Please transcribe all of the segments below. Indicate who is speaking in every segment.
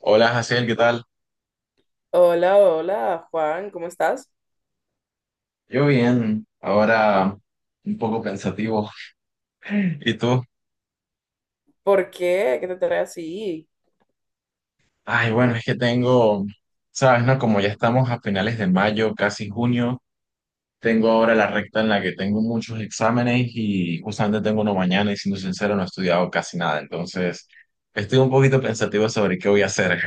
Speaker 1: Hola, Jaciel, ¿qué tal?
Speaker 2: Hola, hola, Juan, ¿cómo estás?
Speaker 1: Yo bien, ahora un poco pensativo. ¿Y tú?
Speaker 2: ¿Por qué? ¿Qué te trae así?
Speaker 1: Ay, bueno, es que tengo, sabes, ¿no? Como ya estamos a finales de mayo, casi junio, tengo ahora la recta en la que tengo muchos exámenes y justamente tengo uno mañana y siendo sincero no he estudiado casi nada, entonces estoy un poquito pensativo sobre qué voy a hacer.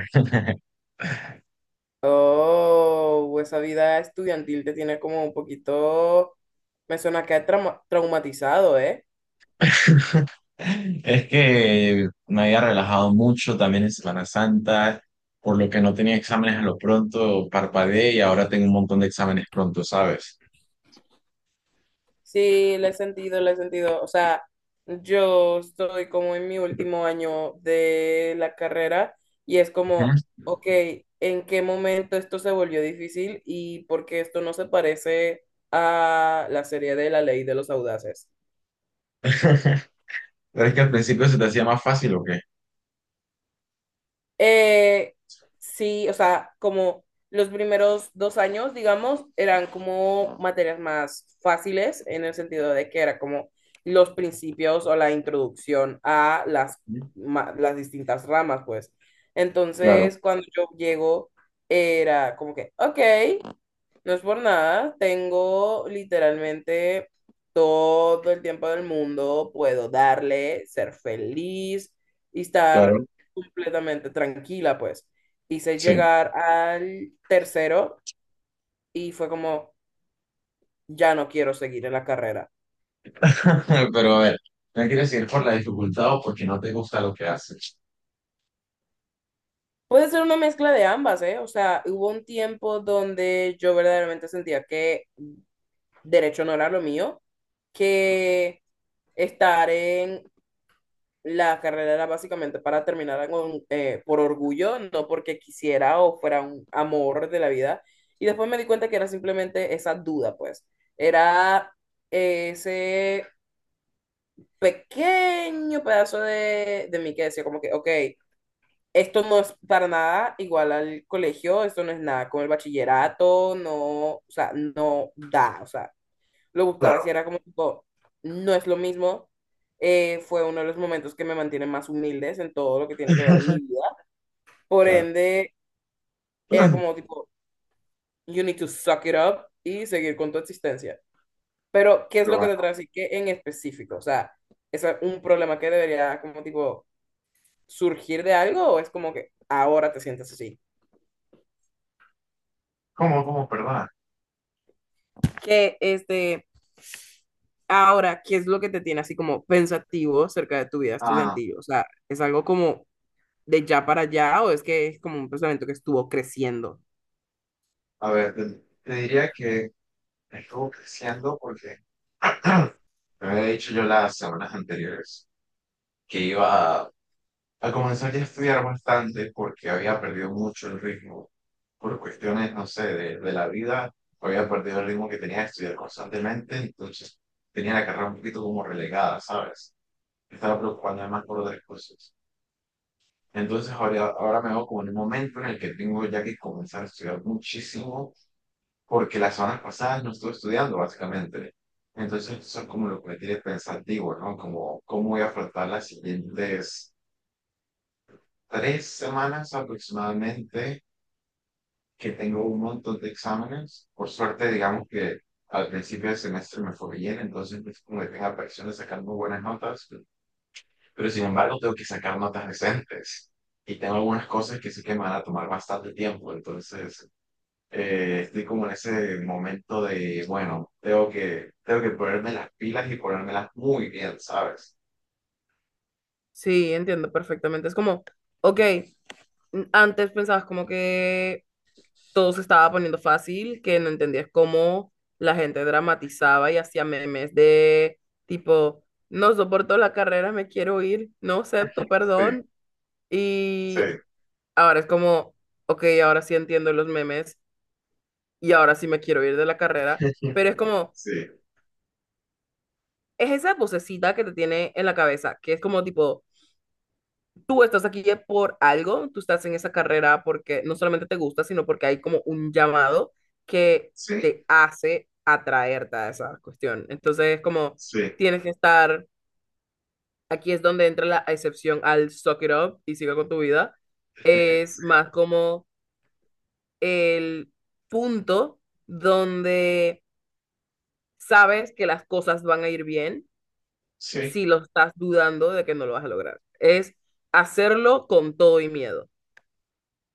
Speaker 2: Oh, esa vida estudiantil te tiene como un poquito, me suena que ha traumatizado, ¿eh?
Speaker 1: Es que me había relajado mucho también en Semana Santa, por lo que no tenía exámenes a lo pronto, parpadeé y ahora tengo un montón de exámenes pronto, ¿sabes?
Speaker 2: Sí, le he sentido, o sea, yo estoy como en mi último año de la carrera y es
Speaker 1: Ujú.
Speaker 2: como, ok, ¿en qué momento esto se volvió difícil y por qué esto no se parece a la serie de La Ley de los Audaces?
Speaker 1: Pero es que al principio se te hacía más fácil o qué?
Speaker 2: Eh, sí, o sea, como los primeros dos años, digamos, eran como materias más fáciles en el sentido de que era como los principios o la introducción a las, las distintas ramas, pues.
Speaker 1: Claro,
Speaker 2: Entonces, cuando yo llego, era como que, ok. No es por nada, tengo literalmente todo el tiempo del mundo, puedo darle, ser feliz y estar
Speaker 1: claro,
Speaker 2: completamente tranquila, pues. Hice
Speaker 1: sí.
Speaker 2: llegar al tercero y fue como, ya no quiero seguir en la carrera.
Speaker 1: Pero a ver, no quieres ir por la dificultad o porque no te gusta lo que haces.
Speaker 2: Puede ser una mezcla de ambas, ¿eh? O sea, hubo un tiempo donde yo verdaderamente sentía que derecho no era lo mío, que estar en la carrera era básicamente para terminar con, por orgullo, no porque quisiera o fuera un amor de la vida. Y después me di cuenta que era simplemente esa duda, pues. Era ese pequeño pedazo de mí que decía como que, ok, esto no es para nada igual al colegio, esto no es nada con el bachillerato, no, o sea, no da, o sea, lo buscaba, si
Speaker 1: Claro,
Speaker 2: era como tipo, no es lo mismo. Fue uno de los momentos que me mantiene más humildes en todo lo que tiene que ver mi vida. Por
Speaker 1: claro.
Speaker 2: ende, era como tipo, you need to suck it up y seguir con tu existencia. Pero, ¿qué es
Speaker 1: Pero
Speaker 2: lo que te
Speaker 1: bueno,
Speaker 2: trae así? ¿Qué en específico? O sea, ¿es un problema que debería como tipo surgir de algo o es como que ahora te sientes así?
Speaker 1: ¿cómo, cómo, perdón?
Speaker 2: Que este, ahora, ¿qué es lo que te tiene así como pensativo acerca de tu vida
Speaker 1: Ah,
Speaker 2: estudiantil? O sea, ¿es algo como de ya para allá o es que es como un pensamiento que estuvo creciendo?
Speaker 1: a ver, te diría que estuvo creciendo porque me había dicho yo las semanas anteriores que iba a comenzar ya a estudiar bastante porque había perdido mucho el ritmo por cuestiones, no sé, de la vida. Había perdido el ritmo que tenía de estudiar constantemente, entonces tenía la carrera un poquito como relegada, ¿sabes? Me estaba preocupando además por otras cosas. Entonces ahora me veo como en un momento en el que tengo ya que comenzar a estudiar muchísimo porque las semanas pasadas no estuve estudiando, básicamente. Entonces, eso es como lo que me tiene pensativo, ¿no? Como cómo voy a afrontar las siguientes tres semanas aproximadamente, que tengo un montón de exámenes. Por suerte, digamos que al principio del semestre me fue bien, entonces no es como que tenga presión de sacar muy buenas notas, pero sin embargo tengo que sacar notas decentes. Y tengo algunas cosas que sí que me van a tomar bastante tiempo, entonces estoy como en ese momento de, bueno, tengo que ponerme las pilas y ponérmelas muy bien, ¿sabes?
Speaker 2: Sí, entiendo perfectamente. Es como, ok, antes pensabas como que todo se estaba poniendo fácil, que no entendías cómo la gente dramatizaba y hacía memes de tipo, no soporto la carrera, me quiero ir, no
Speaker 1: Sí,
Speaker 2: acepto, perdón.
Speaker 1: sí,
Speaker 2: Y ahora es como, ok, ahora sí entiendo los memes y ahora sí me quiero ir de la carrera, pero es como,
Speaker 1: sí,
Speaker 2: es esa vocecita que te tiene en la cabeza, que es como tipo tú estás aquí ya por algo, tú estás en esa carrera porque no solamente te gusta, sino porque hay como un llamado que
Speaker 1: sí,
Speaker 2: te hace atraerte a esa cuestión. Entonces, como
Speaker 1: sí,
Speaker 2: tienes que estar, aquí es donde entra la excepción al suck it up y sigue con tu vida.
Speaker 1: sí,
Speaker 2: Es más como el punto donde sabes que las cosas van a ir bien
Speaker 1: sí.
Speaker 2: si lo estás dudando de que no lo vas a lograr. Es hacerlo con todo y miedo.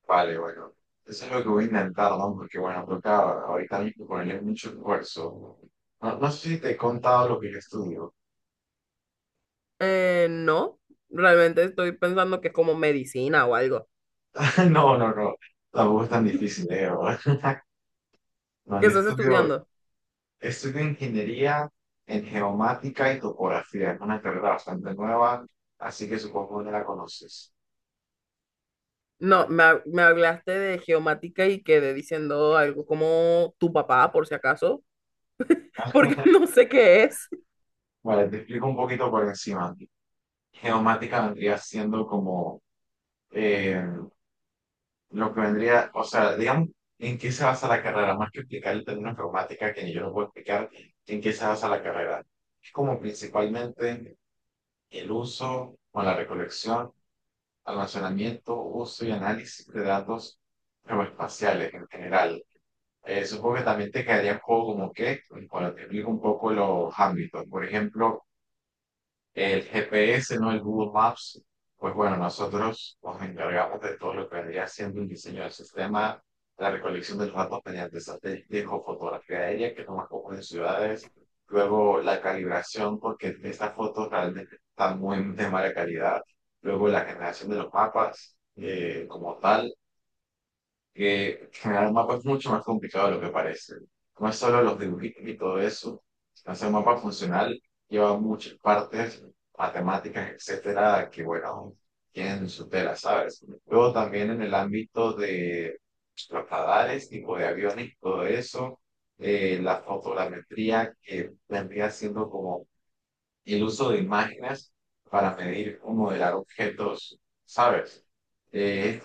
Speaker 1: Vale, bueno. Eso es lo que voy a intentar, ¿no? Porque, bueno, toca ahorita mismo ponerle mucho esfuerzo. No, no sé si te he contado lo que yo estudio.
Speaker 2: No, realmente estoy pensando que es como medicina o algo.
Speaker 1: No, no, no. Tampoco es tan difícil, ¿eh? No,
Speaker 2: ¿Qué
Speaker 1: yo
Speaker 2: estás
Speaker 1: estudio,
Speaker 2: estudiando?
Speaker 1: Estudio ingeniería en geomática y topografía. Es una carrera bastante nueva, así que supongo que no la conoces.
Speaker 2: No, me, me hablaste de geomática y quedé diciendo algo como tu papá, por si acaso, porque no sé qué es.
Speaker 1: Vale, te explico un poquito por encima. Geomática vendría siendo como eh, lo que vendría, o sea, digamos, en qué se basa la carrera, más que explicar el término geomática, que yo no puedo explicar, en qué se basa la carrera. Es como principalmente el uso o la recolección, almacenamiento, uso y análisis de datos geoespaciales en general. Supongo que también te quedaría un poco como que, cuando te explico un poco los ámbitos, por ejemplo, el GPS, ¿no? El Google Maps, pues bueno, nosotros nos encargamos de todo lo que vendría siendo el diseño del sistema, la recolección de los datos mediante satélites o fotografía aérea, que es lo más común en ciudades, luego la calibración, porque estas fotos realmente están muy de mala calidad, luego la generación de los mapas como tal, que generar un mapa es mucho más complicado de lo que parece. No es solo los dibujitos y todo eso. Hacer un mapa funcional lleva muchas partes, matemáticas, etcétera, que bueno, tienen su tela, ¿sabes? Luego también en el ámbito de los radares, tipo de aviones, y todo eso, la fotogrametría que vendría siendo como el uso de imágenes para medir o modelar objetos, ¿sabes? Eh,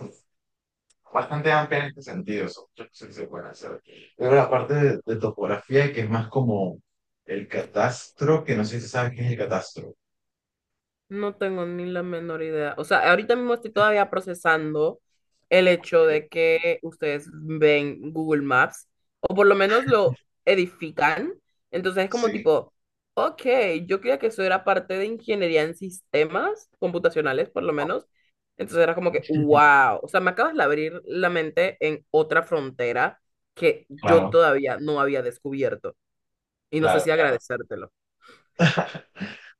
Speaker 1: Bastante amplia en este sentido. Son muchas cosas que se pueden hacer. Luego la parte de topografía, que es más como el catastro, que no sé si sabes qué es el catastro. ¿Ok?
Speaker 2: No tengo ni la menor idea. O sea, ahorita mismo estoy todavía procesando el hecho de que ustedes ven Google Maps o por lo menos lo edifican. Entonces es como
Speaker 1: Sí.
Speaker 2: tipo, ok, yo creía que eso era parte de ingeniería en sistemas computacionales, por lo
Speaker 1: Claro,
Speaker 2: menos. Entonces era como que, wow. O sea, me acabas de abrir la mente en otra frontera que yo
Speaker 1: claro,
Speaker 2: todavía no había descubierto. Y no sé
Speaker 1: claro.
Speaker 2: si agradecértelo.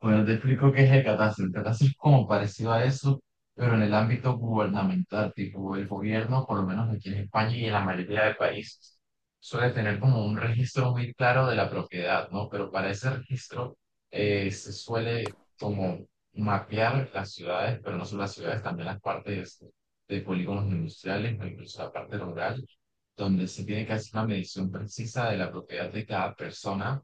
Speaker 1: Bueno, te explico qué es el catastro. El catastro es como parecido a eso, pero en el ámbito gubernamental, tipo el gobierno, por lo menos aquí en España y en la mayoría de países, suele tener como un registro muy claro de la propiedad, ¿no? Pero para ese registro se suele como mapear las ciudades, pero no solo las ciudades, también las partes de polígonos industriales, o incluso la parte rural, donde se tiene que hacer una medición precisa de la propiedad de cada persona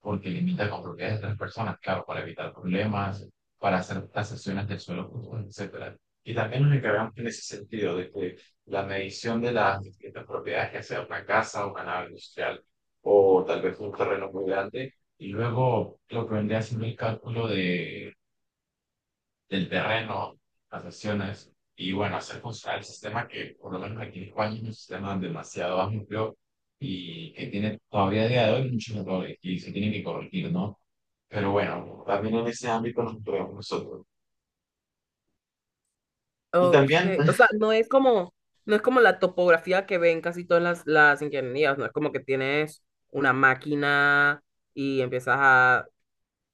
Speaker 1: porque limita con propiedades de otras personas, claro, para evitar problemas, para hacer tasaciones del suelo, común, etcétera. Y también nos encargamos en ese sentido de que la medición de las distintas propiedades, ya sea una casa, una nave industrial o tal vez un terreno muy grande, y luego lo que vendría siendo el cálculo de del terreno, las sesiones, y bueno, hacer funcionar el sistema que por lo menos aquí en España es un sistema demasiado amplio y que tiene todavía a día de hoy muchos errores y se tienen que corregir, ¿no? Pero bueno, también en ese ámbito nos movemos nosotros. Y
Speaker 2: Ok,
Speaker 1: también,
Speaker 2: o sea, no es como, no es como la topografía que ven casi todas las ingenierías, no es como que tienes una máquina y empiezas a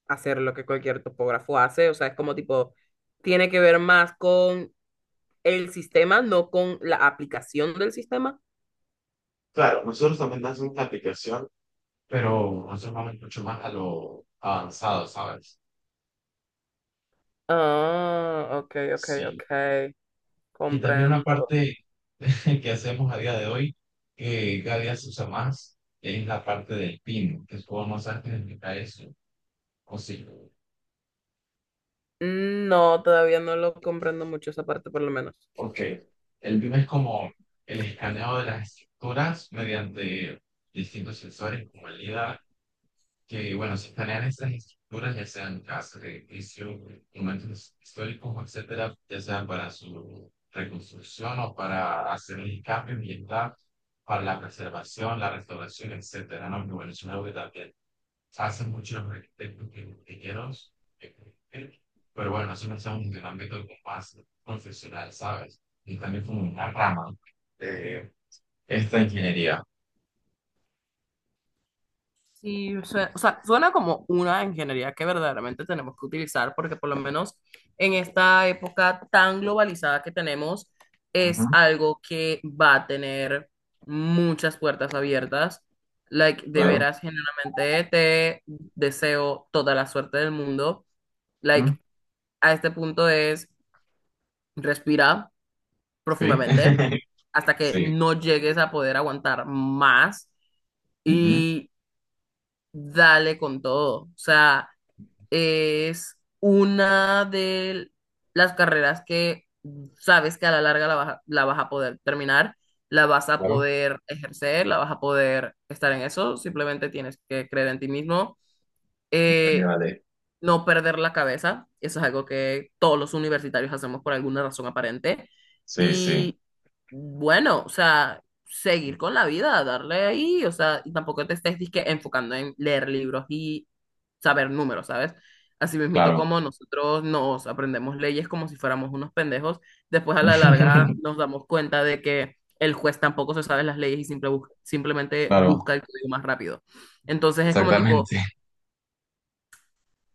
Speaker 2: hacer lo que cualquier topógrafo hace, o sea, es como tipo, tiene que ver más con el sistema, no con la aplicación del sistema.
Speaker 1: claro, nosotros también hacemos la aplicación, pero nosotros vamos mucho más a lo avanzado, ¿sabes?
Speaker 2: Ah, ok, ok,
Speaker 1: Sí.
Speaker 2: ok,
Speaker 1: Y también una
Speaker 2: comprendo.
Speaker 1: parte que hacemos a día de hoy, que cada día se usa más, es la parte del pino, que es como más fácil explicar eso, o sí,
Speaker 2: No, todavía no lo comprendo mucho esa parte, por lo menos.
Speaker 1: porque el pino es como el escaneo de las estructuras mediante distintos sensores como el LIDAR que, bueno, se planean estas estructuras, ya sean casas, edificios, monumentos históricos, etcétera, ya sea para su reconstrucción o para hacer el cambio ambiental, para la preservación, la restauración, etcétera, ¿no? Que bueno, es una obra que hacen muchos arquitectos que ingenieros, eh, eh, pero bueno, eso no estamos en un ámbito como más profesional, ¿sabes? Y también como una rama de esta ingeniería.
Speaker 2: Sí, suena, o sea, suena como una ingeniería que verdaderamente tenemos que utilizar porque por lo menos en esta época tan globalizada que tenemos
Speaker 1: Ujú.
Speaker 2: es algo que va a tener muchas puertas abiertas. Like, de
Speaker 1: Claro.
Speaker 2: veras, genuinamente te deseo toda la suerte del mundo.
Speaker 1: Ujú.
Speaker 2: Like, a este punto es respira
Speaker 1: Sí.
Speaker 2: profundamente hasta que
Speaker 1: Sí.
Speaker 2: no llegues a poder aguantar más
Speaker 1: Ujú.
Speaker 2: y dale con todo. O sea, es una de las carreras que sabes que a la larga la vas a poder terminar, la vas a
Speaker 1: Claro.
Speaker 2: poder ejercer, la vas a poder estar en eso, simplemente tienes que creer en ti mismo.
Speaker 1: Vale,
Speaker 2: Eh,
Speaker 1: vale.
Speaker 2: no perder la cabeza, eso es algo que todos los universitarios hacemos por alguna razón aparente.
Speaker 1: Sí, sí,
Speaker 2: Y bueno, o sea, seguir con la vida, darle ahí, o sea, y tampoco te estés disque enfocando en leer libros y saber números, ¿sabes? Así mismito
Speaker 1: claro.
Speaker 2: como nosotros nos aprendemos leyes como si fuéramos unos pendejos, después a la larga nos damos cuenta de que el juez tampoco se sabe las leyes y simplemente
Speaker 1: Claro,
Speaker 2: busca el código más rápido. Entonces es como tipo
Speaker 1: exactamente,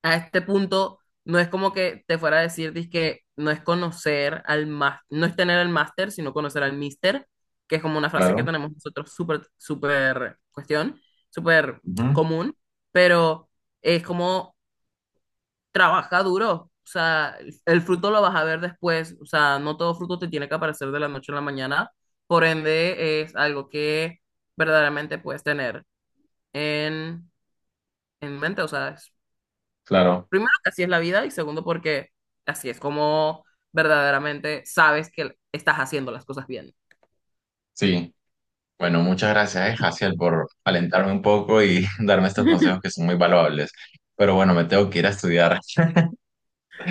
Speaker 2: a este punto no es como que te fuera a decir que no es conocer al más, no es tener el máster, sino conocer al mister, que es como una frase que
Speaker 1: claro.
Speaker 2: tenemos nosotros súper, súper cuestión, súper
Speaker 1: Ujú.
Speaker 2: común, pero es como trabaja duro, o sea, el fruto lo vas a ver después, o sea, no todo fruto te tiene que aparecer de la noche a la mañana, por ende es algo que verdaderamente puedes tener en, en mente, o sea, es
Speaker 1: Claro,
Speaker 2: primero, que así es la vida y segundo, porque así es como verdaderamente sabes que estás haciendo las cosas bien.
Speaker 1: sí. Bueno, muchas gracias, Jaciel, por alentarme un poco y darme estos consejos que son muy valuables. Pero bueno, me tengo que ir a estudiar.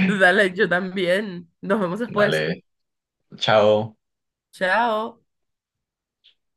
Speaker 2: Dale, yo también. Nos vemos después.
Speaker 1: Dale, chao.
Speaker 2: Chao.